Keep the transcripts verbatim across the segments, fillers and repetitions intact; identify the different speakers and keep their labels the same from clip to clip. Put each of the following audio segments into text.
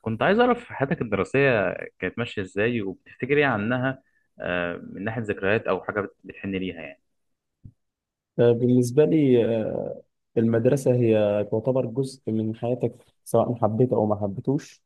Speaker 1: كنت عايز أعرف حياتك الدراسية كانت ماشية إزاي وبتفتكر إيه عنها؟ آه، من ناحية ذكريات أو حاجة بت- بتحن ليها يعني.
Speaker 2: آه، بالنسبة لي، آه، المدرسة هي تعتبر جزء من حياتك، سواء حبيت أو ما حبيتوش.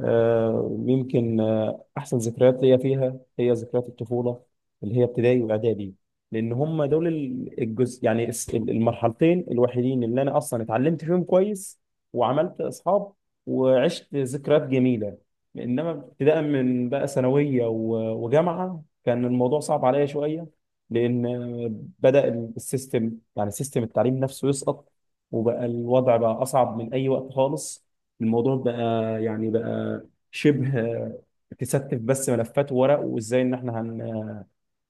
Speaker 2: آه، يمكن، آه، احسن ذكريات ليا فيها هي ذكريات الطفوله اللي هي ابتدائي واعدادي، لان هم دول ال- الجزء، يعني الس- المرحلتين الوحيدين اللي انا اصلا اتعلمت فيهم كويس وعملت اصحاب وعشت ذكريات جميله. انما ابتداء من بقى ثانويه و- وجامعه كان الموضوع صعب عليا شويه، لان بدا السيستم، يعني سيستم التعليم نفسه، يسقط، وبقى الوضع بقى اصعب من اي وقت خالص. الموضوع بقى، يعني بقى شبه تستف بس ملفات ورق، وازاي ان احنا هن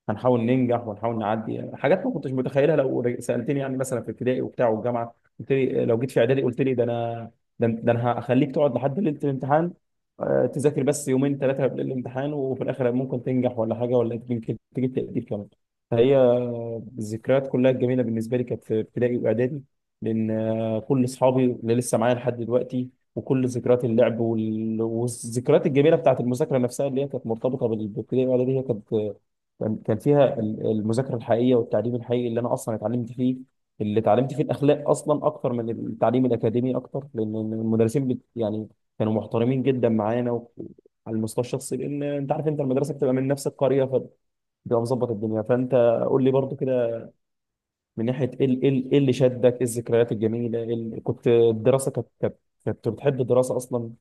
Speaker 2: هنحاول ننجح ونحاول نعدي حاجات ما كنتش متخيلها. لو رج- سالتني يعني مثلا في ابتدائي وبتاع والجامعه، قلت لي لو جيت في اعدادي، قلت لي ده انا، ده, ده انا هخليك تقعد لحد ليله الامتحان، آه، تذاكر بس يومين ثلاثه قبل الامتحان، وفي الاخر ممكن تنجح ولا حاجه، ولا يمكن تجيب تقدير كمان. فهي الذكريات كلها الجميله بالنسبه لي كانت في ابتدائي واعدادي، لان آه، كل اصحابي اللي لسه معايا لحد دلوقتي، وكل ذكريات اللعب وال- والذكريات الجميله بتاعت المذاكره نفسها اللي هي كانت مرتبطه بال- بالابتدائي والاعدادي، هي كانت، كان كان فيها ال- المذاكره الحقيقيه والتعليم الحقيقي اللي انا اصلا اتعلمت فيه، اللي اتعلمت فيه الاخلاق اصلا اكتر من التعليم الاكاديمي اكتر، لان المدرسين بت يعني كانوا محترمين جدا معانا و- على المستوى الشخصي، لان انت عارف، انت المدرسه بتبقى من نفس القريه فبتبقى مظبط الدنيا، فانت قول لي برضو كده، من ناحيه ايه ال- ايه ال- إيه اللي شدك، ايه الذكريات الجميله، إيه ال- كنت الدراسه كانت، كانت كنت بتحب الدراسه اصلا؟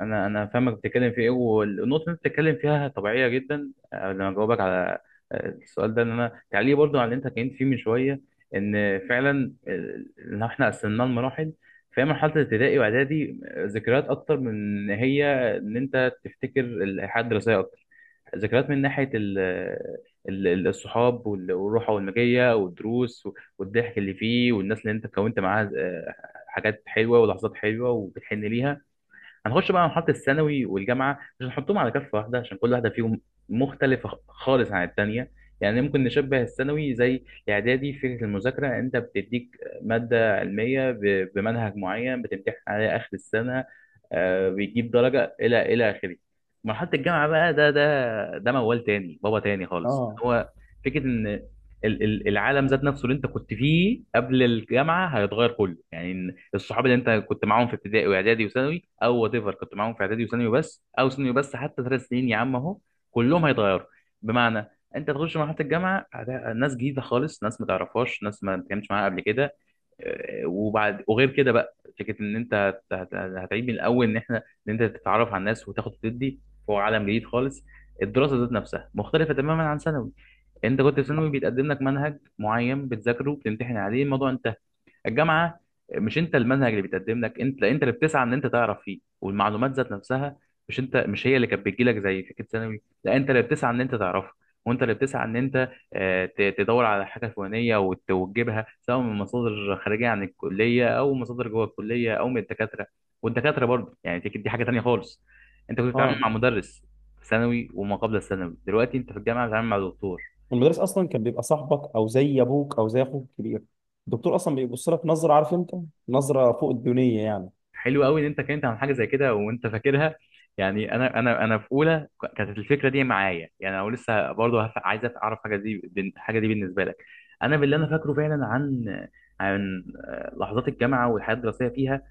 Speaker 1: انا انا فاهمك بتتكلم في ايه، والنقطه اللي انت بتتكلم فيها طبيعيه جدا. آه، لما اجاوبك على آه، السؤال ده، ان انا تعليق برضو على اللي انت كنت فيه من شويه، ان فعلا، آه، ان احنا قسمناه لمراحل. فهي مرحله الابتدائي واعدادي، آه، ذكريات اكتر من إن هي ان انت تفتكر الحياه الدراسيه اكتر، ذكريات من ناحيه ال آه، ال- ال- الصحاب وال- والروحه والمجيه والدروس، والضحك اللي فيه والناس اللي انت كونت معاها. آه، حاجات حلوه ولحظات حلوه وبتحن ليها. هنخش بقى على مرحله الثانوي والجامعه، مش هنحطهم على كفه واحده عشان كل واحده فيهم مختلفه خ- خالص عن الثانيه. يعني ممكن نشبه الثانوي زي الاعدادي في فكره المذاكره. انت بتديك ماده علميه ب- بمنهج معين، بتمتحن عليها اخر السنه، آه، بيجيب درجه الى الى اخره. مرحله الجامعه بقى ده ده ده موال تاني، بابا تاني خالص
Speaker 2: اه،
Speaker 1: هو. فكره ان ال- ال- العالم ذات نفسه اللي انت كنت فيه قبل الجامعه هيتغير كله. يعني إن الصحاب اللي انت كنت معاهم في ابتدائي واعدادي وثانوي، او وات ايفر كنت معاهم في اعدادي وثانوي بس، او ثانوي بس، حتى ثلاث سنين يا عم اهو، كلهم هيتغيروا. بمعنى انت تخش مرحله الجامعه، هت- ناس جديده خالص، ناس ما تعرفهاش، ناس ما اتكلمتش معاها قبل كده. آه، وبعد وغير كده بقى فكره ان انت هت- هت- هتعيد من الاول، ان احنا ان انت تتعرف على الناس وتاخد وتدي. فوق عالم جديد خالص. الدراسه ذات نفسها مختلفه تماما عن ثانوي. انت كنت في ثانوي بيتقدم لك منهج معين بتذاكره، بتمتحن عليه، الموضوع انتهى. الجامعه، مش انت المنهج اللي بيتقدم لك، انت انت اللي بتسعى ان انت تعرف فيه. والمعلومات ذات نفسها، مش انت مش هي اللي كانت بتجي لك زي فكره ثانوي، لا انت اللي بتسعى ان انت تعرفها. وانت اللي بتسعى ان انت آه، ت- تدور على حاجه فلانيه وت- وتجيبها، سواء من مصادر خارجيه عن الكليه، او مصادر جوه الكليه، او من الدكاتره. والدكاتره برضه يعني دي دي حاجه تانيه خالص. انت كنت بتتعامل
Speaker 2: اه،
Speaker 1: مع مدرس في ثانوي وما قبل الثانوي، دلوقتي انت في الجامعه بتتعامل مع دكتور.
Speaker 2: المدرس اصلا كان بيبقى صاحبك او زي ابوك او زي اخوك الكبير. الدكتور اصلا بيبص لك نظره، عارف انت، نظره فوق الدنيا يعني.
Speaker 1: حلو قوي ان انت كنت عن حاجه زي كده وانت فاكرها. يعني انا انا انا في اولى ك- كانت الفكره دي معايا. يعني انا لسه برضه هف- عايز أف- اعرف حاجه دي بن- حاجه دي بالنسبه لك. انا باللي انا فاكره فعلا عن عن آه، لحظات الجامعه والحياه الدراسيه فيها.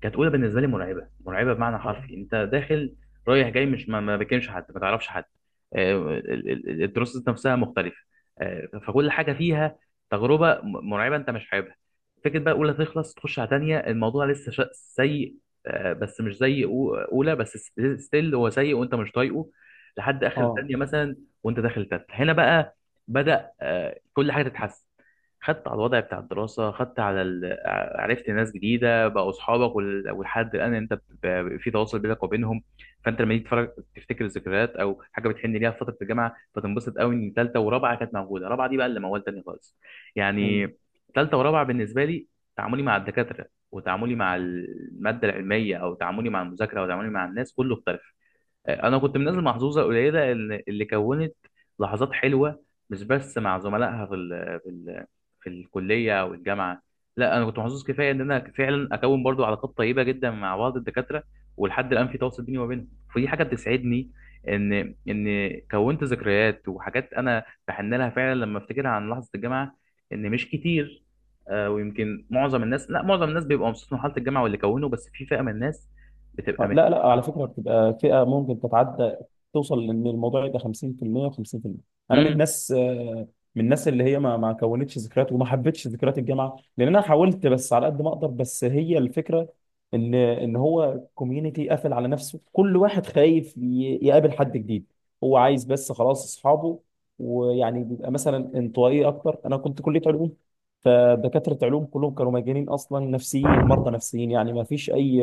Speaker 1: كانت اولى بالنسبه لي مرعبه، مرعبه بمعنى حرفي. انت داخل رايح جاي، مش ما ما بتكلمش حد، ما تعرفش حد. آه، ال- ال- الدروس نفسها مختلفه. آه، فكل حاجه فيها تجربه م- مرعبه انت مش حاببها. فكره بقى اولى تخلص تخش على تانية، الموضوع لسه شا- سيء. آه، بس مش زي أو- اولى، بس س- ستيل هو سيء وانت مش طايقه لحد اخر
Speaker 2: اه.
Speaker 1: تانية مثلا. وانت داخل تالتة هنا بقى بدأ آه، كل حاجه تتحسن. خدت على الوضع بتاع الدراسة، خدت على ال... ع- عرفت ناس جديدة بقوا أصحابك وال... ولحد الآن أنت ب... في تواصل بينك وبينهم. فأنت لما تيجي تتفرج تفتكر الذكريات أو حاجة بتحن ليها في فترة الجامعة، فتنبسط قوي إن تالتة ورابعة كانت موجودة. رابعة دي بقى اللي موال تاني خالص
Speaker 2: آه.
Speaker 1: يعني. تالتة ورابعة بالنسبة لي، تعاملي مع الدكاترة وتعاملي مع المادة العلمية أو تعاملي مع المذاكرة أو تعاملي مع الناس، كله اختلف. انا كنت من الناس المحظوظه القليله اللي اللي كونت لحظات حلوه، مش بس مع زملائها في ال في ال في الكليه او الجامعه. لا، انا كنت محظوظ كفايه ان انا فعلا اكون برضو علاقات طيبه جدا مع بعض الدكاتره. ولحد الان في تواصل بيني وبينهم، فدي حاجه بتسعدني، ان ان كونت ذكريات وحاجات انا بحن لها فعلا لما افتكرها عن لحظه الجامعه. ان مش كتير. آه، ويمكن معظم الناس، لا، معظم الناس بيبقى مبسوط من حاله الجامعه واللي كونه، بس في فئه من الناس بتبقى
Speaker 2: آه،
Speaker 1: مت...
Speaker 2: لا لا، على فكره بتبقى فئه ممكن تتعدى توصل، لان الموضوع يبقى خمسين في المئة و50%. انا من
Speaker 1: مم.
Speaker 2: الناس، آه، من الناس اللي هي ما ما كونتش ذكريات وما حبتش ذكريات الجامعه، لان انا حاولت بس على قد ما اقدر، بس هي الفكره ان ان هو كوميونتي قافل على نفسه، كل واحد خايف ي- يقابل حد جديد، هو عايز بس خلاص اصحابه، ويعني بيبقى مثلا انطوائي اكتر. انا كنت كليه علوم، فدكاتره علوم كلهم كانوا مجانين اصلا، نفسيين، مرضى نفسيين، يعني ما فيش اي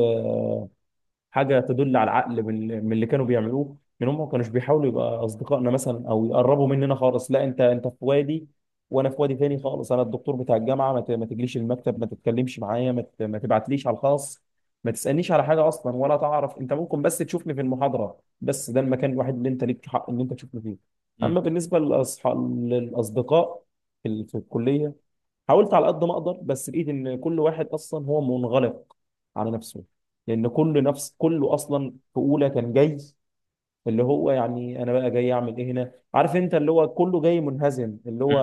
Speaker 2: حاجه تدل على العقل من من اللي كانوا بيعملوه، من هم ما كانوش بيحاولوا يبقى اصدقائنا مثلا او يقربوا مننا خالص، لا انت انت في وادي وانا في وادي تاني خالص. انا الدكتور بتاع الجامعه، ما ت- ما تجليش المكتب، ما تتكلمش معايا، ما ت- ما تبعتليش على الخاص، ما تسالنيش على حاجه اصلا، ولا تعرف انت، ممكن بس تشوفني في المحاضره، بس ده المكان الوحيد اللي انت ليك حق ان انت تشوفني فيه. اما بالنسبه للاصحاب، للاصدقاء في ال- في الكليه، حاولت على قد ما اقدر بس لقيت ان كل واحد اصلا هو منغلق على نفسه، لان كل نفس كله اصلا في اولى كان جاي، اللي هو يعني انا بقى جاي اعمل ايه هنا، عارف انت، اللي هو كله جاي منهزم، اللي هو
Speaker 1: مم.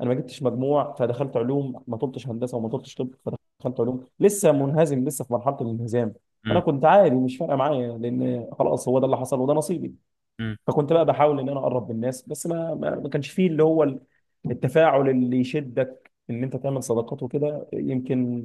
Speaker 2: انا ما جبتش مجموع فدخلت علوم، ما طلبتش هندسه وما طلبتش طب فدخلت علوم، لسه منهزم، لسه في مرحله الانهزام. انا
Speaker 1: مم.
Speaker 2: كنت عادي، مش فارقه معايا لان خلاص هو ده اللي حصل وده نصيبي.
Speaker 1: مم.
Speaker 2: فكنت بقى بحاول ان انا اقرب من الناس، بس ما ما ما كانش فيه اللي هو التفاعل اللي يشدك ان انت تعمل صداقات وكده. يمكن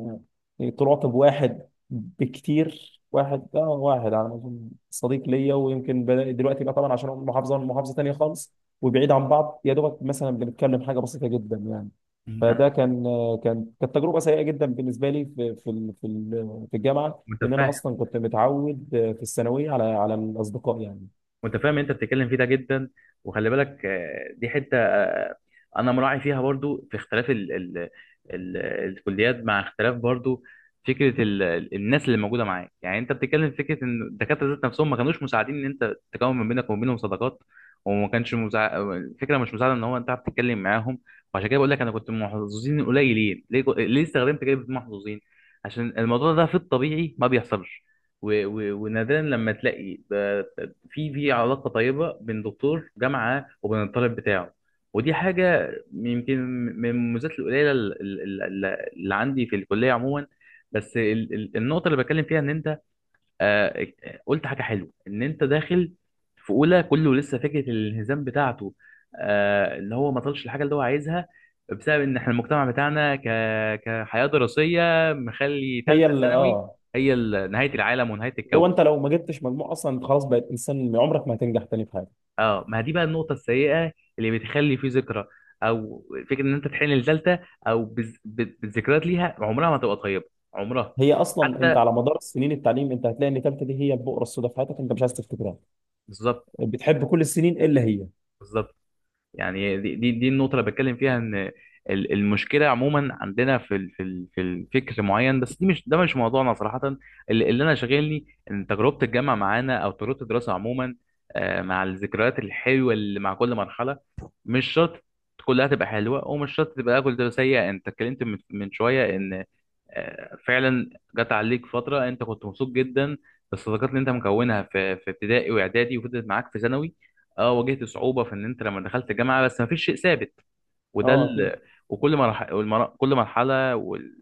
Speaker 2: تراقب واحد بكتير، واحد، اه، واحد على ما اظن صديق ليا، ويمكن بدأ دلوقتي بقى، طبعا عشان هو من محافظه من محافظه تانيه خالص وبعيد عن بعض، يا دوبك مثلا بنتكلم حاجه بسيطه جدا يعني.
Speaker 1: مم. أنا
Speaker 2: فده كان كان كانت تجربه سيئه جدا بالنسبه لي في في ال- في ال- في الجامعه، لان انا
Speaker 1: متفاهم.
Speaker 2: اصلا كنت متعود في الثانويه على على الاصدقاء يعني.
Speaker 1: متفاهم انت بتتكلم فيه ده جدا. وخلي بالك، آه، دي حته انا مراعي فيها برضو في اختلاف ال ال ال الكليات، مع اختلاف برضو فكره ال ال- الناس اللي موجوده معاك. يعني انت بتتكلم في فكره ان الدكاتره ذات نفسهم ما كانوش مساعدين ان انت تكون ما بينك وما بينهم صداقات، وما كانش مساع... الفكره مش مساعده ان هو انت عارف تتكلم معاهم. وعشان كده بقول لك انا كنت من محظوظين قليلين. ليه ليه استخدمت كلمه محظوظين؟ عشان الموضوع ده في الطبيعي ما بيحصلش، و... و... ونادرا لما تلاقي ده- في في علاقه طيبه بين دكتور جامعه وبين الطالب بتاعه. ودي حاجة يمكن من المميزات القليله ال- ال- ال- اللي عندي في الكليه عموما. بس ال- ال- النقطه اللي بتكلم فيها ان انت آه، قلت حاجه حلوه، ان انت داخل في اولى كله لسه فكره الانهزام بتاعته، آه، اللي هو ما طلش الحاجه اللي هو عايزها، بسبب ان احنا المجتمع بتاعنا ك كحياه دراسيه مخلي
Speaker 2: هي
Speaker 1: ثالثه
Speaker 2: اللي،
Speaker 1: ثانوي
Speaker 2: اه
Speaker 1: هي ال- نهايه العالم ونهايه
Speaker 2: لو
Speaker 1: الكون.
Speaker 2: انت لو ما جبتش مجموع اصلا انت خلاص بقيت انسان عمرك ما هتنجح تاني في حاجه.
Speaker 1: اه، ما دي بقى النقطة السيئة اللي بتخلي فيه ذكرى او فكرة ان انت تحن لثالثة، او بالز- بال- بالذكريات ليها عمرها ما تبقى طيبة. عمرها.
Speaker 2: هي اصلا
Speaker 1: حتى.
Speaker 2: انت على مدار سنين التعليم انت هتلاقي ان ثالثه دي هي البؤره السوداء في حياتك، انت مش عايز تفتكرها،
Speaker 1: بالظبط.
Speaker 2: بتحب كل السنين الا هي.
Speaker 1: بالظبط. يعني دي دي, دي النقطه اللي بتكلم فيها ان ال- المشكله عموما عندنا في ال- في ال- في الفكر معين، بس دي مش ده مش موضوعنا صراحه. اللي اللي انا شاغلني ان تجربه الجامعه معانا او تجربه الدراسه عموما، آه، مع الذكريات الحلوه اللي مع كل مرحله. مش شرط كلها تبقى حلوه ومش شرط تبقى كلها سيئه. انت اتكلمت من من شويه ان آه، فعلا جت عليك فتره انت كنت مبسوط جدا بالصداقات اللي انت مكونها في في ابتدائي واعدادي وفضلت معاك في ثانوي. اه، واجهت صعوبه في ان انت لما دخلت الجامعه، بس ما فيش شيء ثابت. وده
Speaker 2: اه، اكيد.
Speaker 1: ال... وكل مرحله والمر... كل مرحله وال...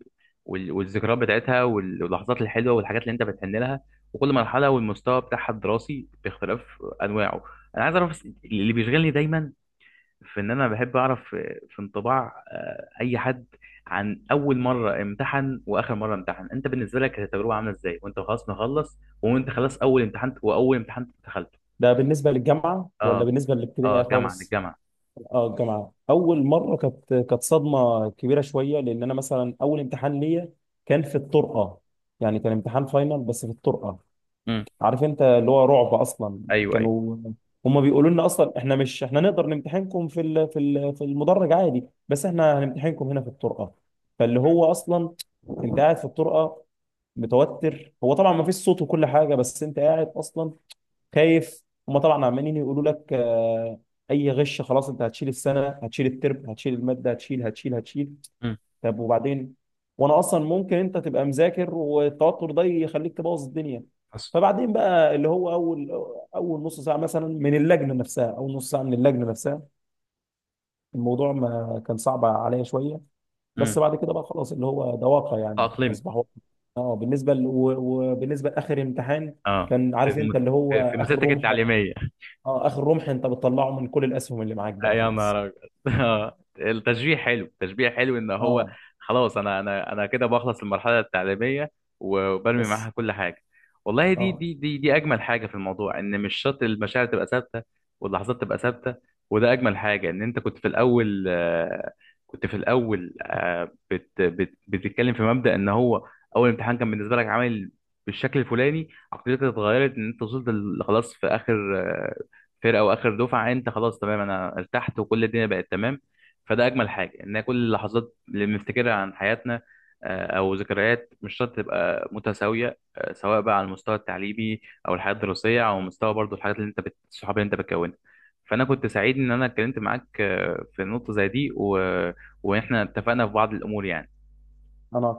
Speaker 1: وال... والذكريات بتاعتها وال- واللحظات الحلوه والحاجات اللي انت بتحن لها. وكل مرحله والمستوى بتاعها الدراسي باختلاف انواعه. انا عايز اعرف، بس اللي بيشغلني دايما في ان انا بحب اعرف في في انطباع آه، اي حد عن اول مره امتحن واخر مره امتحن. انت بالنسبه لك التجربه عامله ازاي وانت خلاص مخلص، وانت خلاص اول امتحان واول امتحان دخلته؟
Speaker 2: ده بالنسبه للجامعه ولا
Speaker 1: اه.
Speaker 2: بالنسبه
Speaker 1: اه،
Speaker 2: للابتدائيه
Speaker 1: جامعه
Speaker 2: خالص؟
Speaker 1: للجامعه.
Speaker 2: اه، الجامعه اول مره كانت كانت صدمه كبيره شويه، لان انا مثلا اول امتحان ليا كان في الطرقه، يعني كان امتحان فاينل بس في الطرقه،
Speaker 1: امم.
Speaker 2: عارف انت اللي هو رعب اصلا.
Speaker 1: ايوه. ايوه.
Speaker 2: كانوا هم بيقولوا لنا اصلا، احنا مش احنا نقدر نمتحنكم في ال- في ال- في المدرج عادي، بس احنا هنمتحنكم هنا في الطرقه. فاللي هو اصلا انت قاعد في الطرقه متوتر، هو طبعا ما فيش صوت وكل حاجه، بس انت قاعد اصلا خايف. هم طبعا عمالين يقولوا لك، آه، اي غش خلاص، انت هتشيل السنه، هتشيل الترم، هتشيل الماده، هتشيل، هتشيل، هتشيل.
Speaker 1: امم.
Speaker 2: طب وبعدين؟ وانا اصلا ممكن انت تبقى مذاكر والتوتر ده يخليك تبوظ الدنيا.
Speaker 1: حصل.
Speaker 2: فبعدين بقى اللي هو اول، اول نص ساعه مثلا من اللجنه نفسها، اول نص ساعه من اللجنه نفسها، الموضوع ما كان صعب عليا شويه،
Speaker 1: امم.
Speaker 2: بس بعد كده بقى خلاص، اللي هو ده واقع يعني،
Speaker 1: تاقلمت.
Speaker 2: اصبح واقع. اه، بالنسبه ل... و- وبالنسبه لاخر امتحان،
Speaker 1: اه،
Speaker 2: كان، عارف
Speaker 1: في
Speaker 2: انت، اللي هو
Speaker 1: في في
Speaker 2: اخر
Speaker 1: مسيرتك
Speaker 2: رمح.
Speaker 1: التعليميه.
Speaker 2: اه، اخر رمح انت بتطلعه من كل الاسهم اللي معاك
Speaker 1: آه،
Speaker 2: بقى
Speaker 1: يا
Speaker 2: خلاص.
Speaker 1: نهار أبيض. التشبيه حلو، التشبيه حلو ان هو
Speaker 2: اه.
Speaker 1: خلاص انا انا انا كده بخلص المرحله التعليميه وبرمي معاها
Speaker 2: بس
Speaker 1: كل حاجه. والله دي
Speaker 2: اه،
Speaker 1: دي دي دي اجمل حاجه في الموضوع، ان مش شرط المشاعر تبقى ثابته واللحظات تبقى ثابته. وده اجمل حاجه ان انت كنت في الاول آه، كنت في الاول آه، بت بت بتتكلم في مبدا ان هو اول امتحان كان بالنسبه لك عامل بالشكل الفلاني، عقليتك اتغيرت ان انت وصلت ل- خلاص في اخر آه، فرقه واخر دفعه. انت خلاص تمام، انا ارتحت وكل الدنيا بقت تمام. فده اجمل حاجه، ان كل اللحظات اللي بنفتكرها عن حياتنا آه، او ذكريات مش شرط تبقى متساويه، آه، سواء بقى على المستوى التعليمي او الحياه الدراسيه، او مستوى برضو الحاجات اللي انت بت... الصحاب اللي انت بتكونها. فانا كنت سعيد ان انا اتكلمت معاك آه، في نقطه زي دي، و... واحنا اتفقنا في بعض الامور يعني.
Speaker 2: انا